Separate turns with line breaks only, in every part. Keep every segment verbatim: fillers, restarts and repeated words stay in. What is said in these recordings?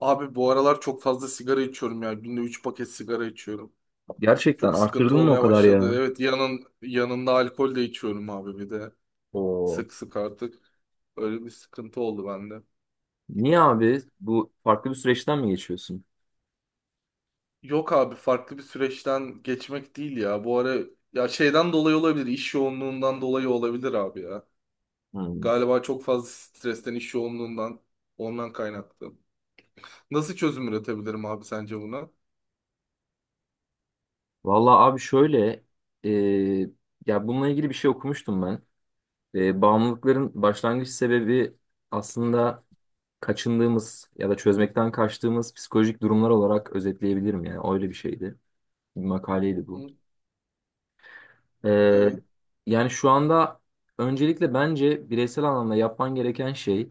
Abi bu aralar çok fazla sigara içiyorum ya. Günde üç paket sigara içiyorum.
Gerçekten
Çok sıkıntı
arttırdın mı o
olmaya
kadar
başladı.
ya?
Evet yanın, yanında alkol de içiyorum abi bir de.
Oo.
Sık sık artık. Öyle bir sıkıntı oldu bende.
Niye abi? Bu farklı bir süreçten mi geçiyorsun?
Yok abi farklı bir süreçten geçmek değil ya. Bu ara ya şeyden dolayı olabilir. İş yoğunluğundan dolayı olabilir abi ya.
Hmm.
Galiba çok fazla stresten, iş yoğunluğundan ondan kaynaklı. Nasıl çözüm üretebilirim abi sence buna?
Vallahi abi şöyle, e, ya bununla ilgili bir şey okumuştum ben. E, bağımlılıkların başlangıç sebebi aslında kaçındığımız ya da çözmekten kaçtığımız psikolojik durumlar olarak özetleyebilirim yani. Öyle bir şeydi. Bir makaleydi bu.
Hı,
E,
evet,
Yani şu anda öncelikle bence bireysel anlamda yapman gereken şey.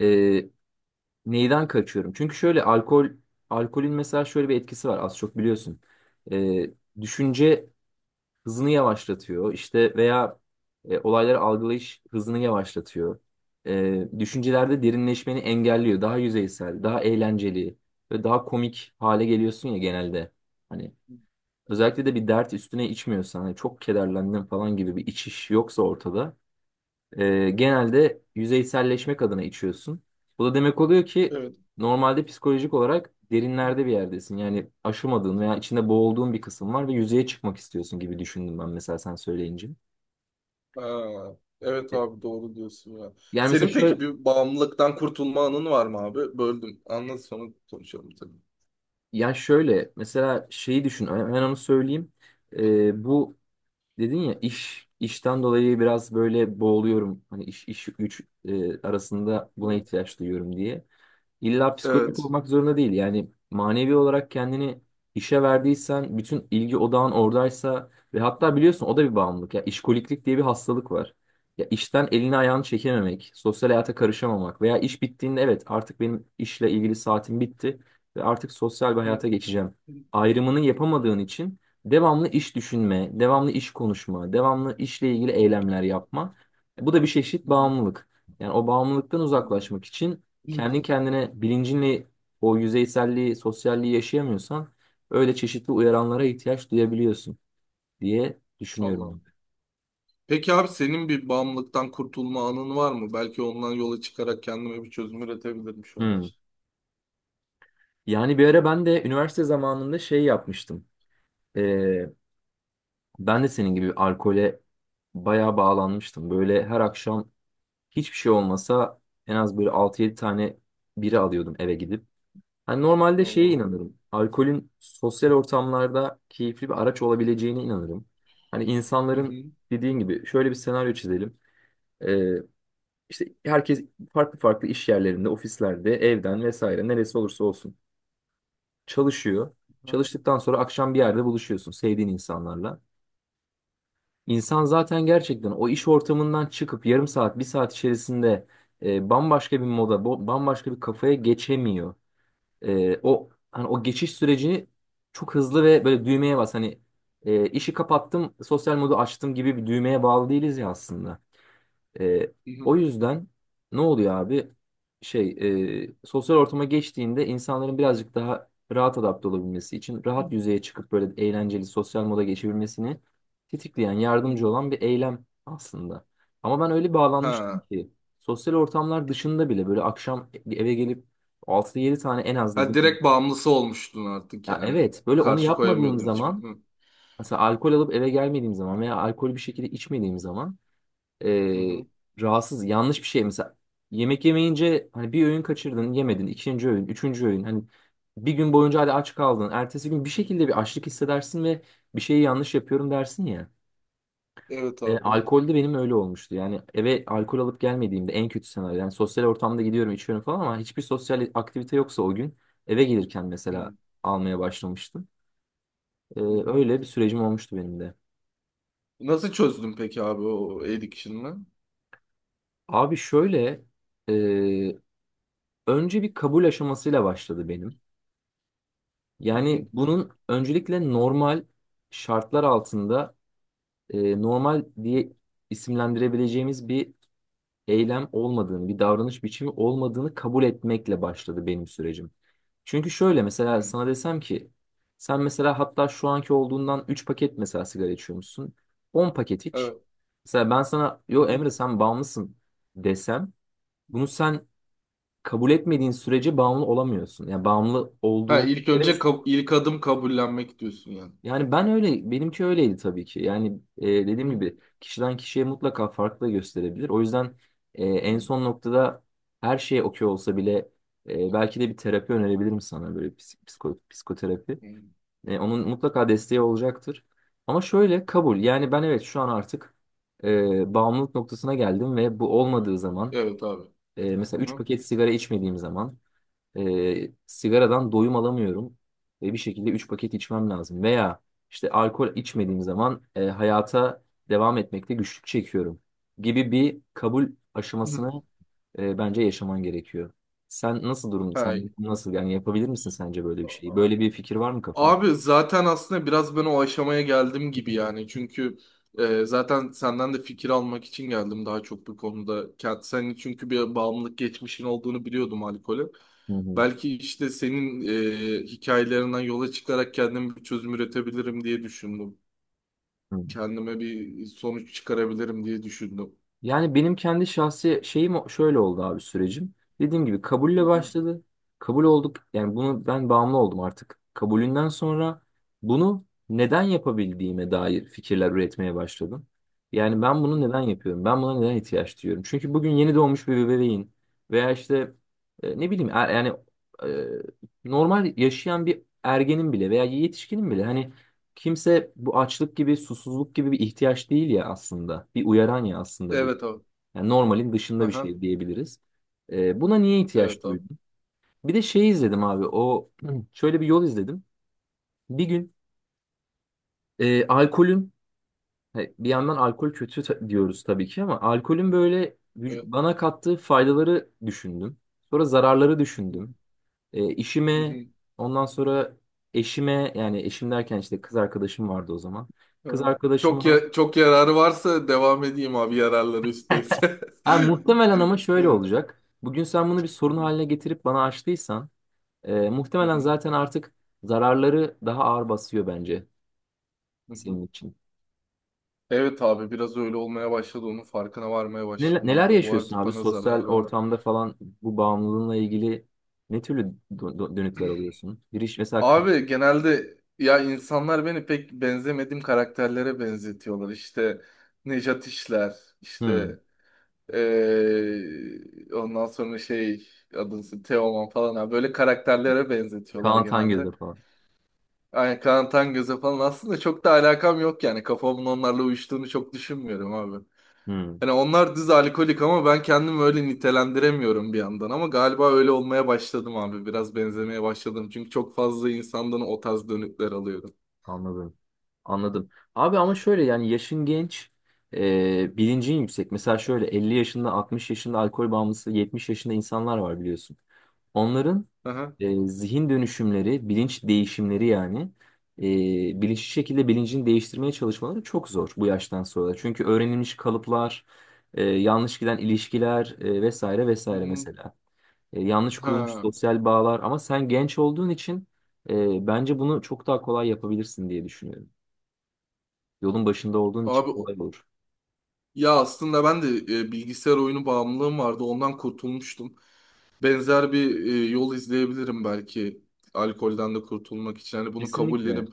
e, Neyden kaçıyorum? Çünkü şöyle alkol alkolün mesela şöyle bir etkisi var, az çok biliyorsun. Ee, Düşünce hızını yavaşlatıyor işte, veya e, olayları algılayış hızını yavaşlatıyor. Ee, düşüncelerde derinleşmeni engelliyor. Daha yüzeysel, daha eğlenceli ve daha komik hale geliyorsun ya genelde. Hani özellikle de bir dert üstüne içmiyorsan, hani çok kederlendim falan gibi bir içiş yoksa ortada, ee, genelde yüzeyselleşmek adına içiyorsun. Bu da demek oluyor ki
evet.
normalde psikolojik olarak derinlerde bir yerdesin. Yani aşamadığın veya içinde boğulduğun bir kısım var ve yüzeye çıkmak istiyorsun gibi düşündüm ben mesela, sen söyleyince.
Ha, evet abi doğru diyorsun ya.
Yani mesela
Senin
şöyle,
peki bir bağımlılıktan kurtulma anın var mı abi? Böldüm. Anlat sonra konuşalım tabii.
Ya şöyle mesela şeyi düşün, hemen onu söyleyeyim. Ee, bu dedin ya, iş işten dolayı biraz böyle boğuluyorum. Hani iş iş güç e, arasında buna
Hı,
ihtiyaç duyuyorum diye. İlla psikolojik
evet.
olmak zorunda değil. Yani manevi olarak kendini işe verdiysen, bütün ilgi odağın oradaysa ve hatta biliyorsun o da bir bağımlılık. Ya işkoliklik diye bir hastalık var. Ya işten elini ayağını çekememek, sosyal hayata karışamamak veya iş bittiğinde evet artık benim işle ilgili saatim bitti ve artık sosyal bir
Hı,
hayata geçeceğim.
hı,
Ayrımını yapamadığın
hı,
için devamlı iş düşünme, devamlı iş konuşma, devamlı işle ilgili
hı,
eylemler yapma. Bu da bir çeşit
hı,
bağımlılık. Yani o bağımlılıktan
hı,
uzaklaşmak için
hı,
kendi kendine bilincinle o yüzeyselliği, sosyalliği yaşayamıyorsan öyle çeşitli
hı.
uyaranlara ihtiyaç duyabiliyorsun diye düşünüyorum
Allah'ım.
abi.
Peki abi senin bir bağımlılıktan kurtulma anın var mı? Belki ondan yola çıkarak kendime bir çözüm üretebilirim şu an
Hmm.
için.
Yani bir ara ben de üniversite zamanında şey yapmıştım. Ee, Ben de senin gibi alkole bayağı bağlanmıştım. Böyle her akşam hiçbir şey olmasa en az böyle altı yedi tane biri alıyordum, eve gidip. Hani normalde
Allah
şeye
Allah.
inanırım. Alkolün sosyal ortamlarda keyifli bir araç olabileceğine inanırım. Hani
Hı
insanların
hı.
dediğin gibi şöyle bir senaryo çizelim. Ee, işte herkes farklı farklı iş yerlerinde, ofislerde, evden vesaire neresi olursa olsun çalışıyor. Çalıştıktan sonra akşam bir yerde buluşuyorsun sevdiğin insanlarla. İnsan zaten gerçekten o iş ortamından çıkıp yarım saat, bir saat içerisinde e, bambaşka bir moda, bo- bambaşka bir kafaya geçemiyor. E, o hani o geçiş sürecini çok hızlı, ve böyle düğmeye bas hani e, işi kapattım sosyal modu açtım gibi bir düğmeye bağlı değiliz ya aslında. E,
Hı
O
hı.
yüzden ne oluyor abi? Şey, e, sosyal ortama geçtiğinde insanların birazcık daha rahat adapte olabilmesi için, rahat yüzeye çıkıp böyle eğlenceli sosyal moda geçebilmesini tetikleyen
Hı
yardımcı
hı.
olan bir eylem aslında. Ama ben öyle bağlanmıştım
Ha.
ki sosyal ortamlar dışında bile böyle akşam eve gelip altı yedi tane en az
Ha,
dedim
direkt bağımlısı olmuştun artık
ya,
yani.
evet, böyle onu
Karşı
yapmadığım
koyamıyordun içime.
zaman,
Hı
mesela alkol alıp eve gelmediğim zaman veya alkolü bir şekilde içmediğim zaman
hı.
eee,
Hı.
rahatsız, yanlış bir şey. Mesela yemek yemeyince, hani bir öğün kaçırdın yemedin, ikinci öğün üçüncü öğün, hani bir gün boyunca hadi aç kaldın, ertesi gün bir şekilde bir açlık hissedersin ve bir şeyi yanlış yapıyorum dersin ya.
Evet
E,
abi.
alkolde benim öyle olmuştu. Yani eve alkol alıp gelmediğimde en kötü senaryo, yani sosyal ortamda gidiyorum içiyorum falan, ama hiçbir sosyal aktivite yoksa o gün eve gelirken
Hı
mesela almaya başlamıştım. Ee,
hı. Hı.
öyle bir sürecim olmuştu benim de.
Nasıl çözdün peki abi o addiction'ı?
Abi şöyle, e, önce bir kabul aşamasıyla başladı benim.
Hı hı.
Yani bunun öncelikle normal şartlar altında, e, normal diye isimlendirebileceğimiz bir eylem olmadığını, bir davranış biçimi olmadığını kabul etmekle başladı benim sürecim. Çünkü şöyle, mesela
Hı.
sana desem ki sen mesela hatta şu anki olduğundan üç paket mesela sigara içiyormuşsun, on paket iç.
Evet.
Mesela ben sana
Hı
yo
hı.
Emre sen bağımlısın desem, bunu sen kabul etmediğin sürece bağımlı olamıyorsun. Yani bağımlı
Ha,
olduğun
ilk
bir kere.
önce kab- ilk adım kabullenmek diyorsun yani.
Yani ben öyle, benimki öyleydi tabii ki. Yani e,
Hı
dediğim
hı.
gibi kişiden kişiye mutlaka farklı da gösterebilir. O yüzden e,
Hı
en son noktada her şey okey olsa bile e, belki de bir terapi
hı.
önerebilirim sana, böyle psik- psiko, psikoterapi.
Hı.
E, onun mutlaka desteği olacaktır. Ama şöyle kabul. Yani ben evet şu an artık e, bağımlılık noktasına geldim ve bu olmadığı zaman,
Evet abi.
e,
Hı
mesela üç
hı.
paket sigara içmediğim zaman, e, sigaradan doyum alamıyorum ve bir şekilde üç paket içmem lazım. Veya işte alkol içmediğim zaman, e, hayata devam etmekte güçlük çekiyorum gibi bir kabul
Hı.
aşamasını e, bence yaşaman gerekiyor. Sen nasıl durum?
Ha,
Sen nasıl yani yapabilir misin sence böyle bir şeyi? Böyle bir fikir var mı kafanda?
abi zaten aslında biraz ben o aşamaya geldim gibi yani. Çünkü e, zaten senden de fikir almak için geldim daha çok bu konuda. Kend- Senin çünkü bir bağımlılık geçmişin olduğunu biliyordum alkole.
Hı hı.
Belki işte senin e, hikayelerinden yola çıkarak kendime bir çözüm üretebilirim diye düşündüm.
Hı.
Kendime bir sonuç çıkarabilirim diye düşündüm.
Yani benim kendi şahsi şeyim o- şöyle oldu abi sürecim. Dediğim gibi
Hı
kabulle
hı.
başladı. Kabul olduk. Yani bunu ben bağımlı oldum artık. Kabulünden sonra bunu neden yapabildiğime dair fikirler üretmeye başladım. Yani ben
Hı
bunu neden
hı.
yapıyorum? Ben buna neden ihtiyaç duyuyorum? Çünkü bugün yeni doğmuş bir bebeğin veya işte e, ne bileyim er- yani e, normal yaşayan bir ergenin bile veya yetişkinin bile, hani kimse, bu açlık gibi susuzluk gibi bir ihtiyaç değil ya aslında. Bir uyaran ya aslında bu.
Evet abi.
Yani normalin dışında bir
Aha.
şey diyebiliriz. Ee, buna niye ihtiyaç
Evet abi.
duydum? Bir de şey izledim abi. O şöyle bir yol izledim. Bir gün e, alkolün, he, bir yandan alkol kötü ta- diyoruz tabii ki, ama alkolün böyle vüc-
Evet.
bana kattığı faydaları düşündüm. Sonra zararları düşündüm. E,
Hı
işime
hı.
ondan sonra eşime, yani eşim derken işte kız arkadaşım vardı o zaman. Kız
Ha. Çok
arkadaşıma
ya- çok yararı varsa devam edeyim abi, yararları üstteyse.
ha, muhtemelen ama şöyle
Evet.
olacak. Bugün sen bunu bir
Hı
sorun
hı,
haline getirip bana açtıysan, Ee,
hı
muhtemelen
hı,
zaten artık zararları daha ağır basıyor bence
hı hı.
senin için.
Evet abi, biraz öyle olmaya başladı, onun farkına varmaya
Neler,
başladım
neler
abi. Bu
yaşıyorsun
artık
abi
bana
sosyal
zarar vermiyor.
ortamda falan, bu bağımlılığınla ilgili ne türlü dö- dö- dönütler alıyorsun? Bir iş mesela kı-
Abi genelde ya insanlar beni pek benzemediğim karakterlere benzetiyorlar. İşte Nejat İşler,
hmm,
işte eee, ondan sonra şey, adını Teoman falan abi, böyle karakterlere benzetiyorlar
Kaan Tangöz'e
genelde.
falan.
Ay, Kaan Tangöz'e falan aslında çok da alakam yok yani. Kafamın onlarla uyuştuğunu çok düşünmüyorum abi.
Hmm.
Hani onlar düz alkolik ama ben kendimi öyle nitelendiremiyorum bir yandan. Ama galiba öyle olmaya başladım abi. Biraz benzemeye başladım. Çünkü çok fazla insandan o tarz dönükler alıyorum.
Anladım. Anladım. Abi ama şöyle yani yaşın genç, e, bilincin yüksek. Mesela şöyle elli yaşında, altmış yaşında alkol bağımlısı, yetmiş yaşında insanlar var biliyorsun. Onların
Aha.
e, zihin dönüşümleri, bilinç değişimleri, yani e, bilinçli şekilde bilincini değiştirmeye çalışmaları çok zor bu yaştan sonra. Çünkü öğrenilmiş kalıplar, e, yanlış giden ilişkiler, e, vesaire vesaire
Mhm.
mesela. E, yanlış kurulmuş
Ha.
sosyal bağlar, ama sen genç olduğun için ee, bence bunu çok daha kolay yapabilirsin diye düşünüyorum. Yolun başında olduğun için
Abi
kolay
o-
olur.
Ya aslında ben de e, bilgisayar oyunu bağımlılığım vardı. Ondan kurtulmuştum. Benzer bir e, yol izleyebilirim belki alkolden de kurtulmak için. Hani bunu
Kesinlikle.
kabullenip,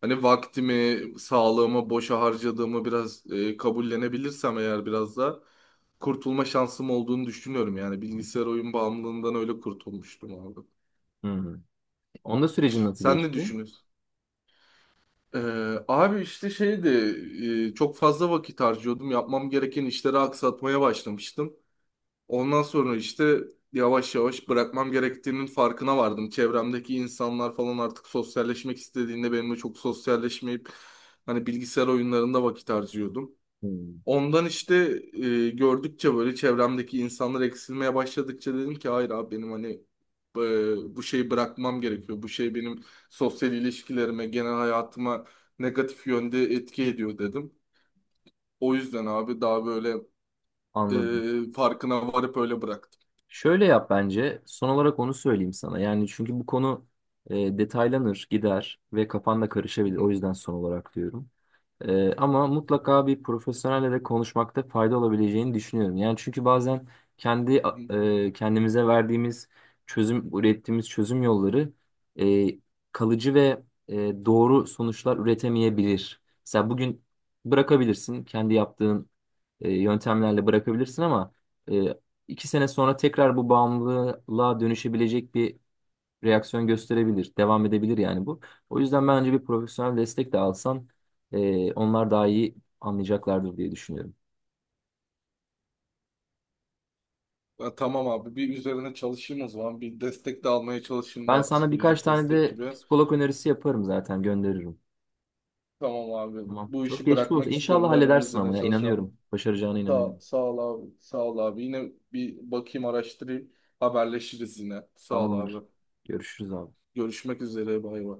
hani vaktimi, sağlığımı boşa harcadığımı biraz e, kabullenebilirsem eğer, biraz da kurtulma şansım olduğunu düşünüyorum. Yani bilgisayar oyun bağımlılığından öyle kurtulmuştum abi.
Hı-hı. Onda sürecin nasıl
Sen ne
geçti?
düşünüyorsun? Ee, abi işte şeydi, e, çok fazla vakit harcıyordum. Yapmam gereken işleri aksatmaya başlamıştım. Ondan sonra işte yavaş yavaş bırakmam gerektiğinin farkına vardım. Çevremdeki insanlar falan artık sosyalleşmek istediğinde benimle çok sosyalleşmeyip hani, bilgisayar oyunlarında vakit harcıyordum.
Hı.
Ondan işte e, gördükçe, böyle çevremdeki insanlar eksilmeye başladıkça dedim ki hayır abi, benim hani e, bu şeyi bırakmam gerekiyor. Bu şey benim sosyal ilişkilerime, genel hayatıma negatif yönde etki ediyor dedim. O yüzden abi daha böyle
Anladım.
e, farkına varıp öyle bıraktım.
Şöyle yap bence. Son olarak onu söyleyeyim sana. Yani çünkü bu konu e, detaylanır, gider ve kafan da karışabilir. O yüzden son olarak diyorum. Ee, ama mutlaka bir profesyonelle de konuşmakta fayda olabileceğini düşünüyorum. Yani çünkü bazen kendi, e, kendimize verdiğimiz çözüm, ürettiğimiz çözüm yolları e, kalıcı ve e, doğru sonuçlar üretemeyebilir. Mesela bugün bırakabilirsin, kendi yaptığın e, yöntemlerle bırakabilirsin, ama e, iki sene sonra tekrar bu bağımlılığa dönüşebilecek bir reaksiyon gösterebilir, devam edebilir yani bu. O yüzden bence bir profesyonel destek de alsan e, onlar daha iyi anlayacaklardır diye düşünüyorum.
Ya tamam abi, bir üzerine çalışayım o zaman. Bir destek de almaya çalışayım,
Ben
daha
sana birkaç
psikolojik
tane
destek
de
gibi.
psikolog önerisi yaparım zaten gönderirim.
Tamam abi,
Tamam.
bu
Çok
işi
geçmiş olsun.
bırakmak
İnşallah
istiyorum ben, onun
halledersin
üzerine
ama ya
çalışacağım.
inanıyorum. Başaracağına
Sağ,
inanıyorum.
sağ ol abi, sağ ol abi. Yine bir bakayım, araştırayım, haberleşiriz yine. Sağ ol abi.
Tamamdır. Görüşürüz abi.
Görüşmek üzere, bay bay.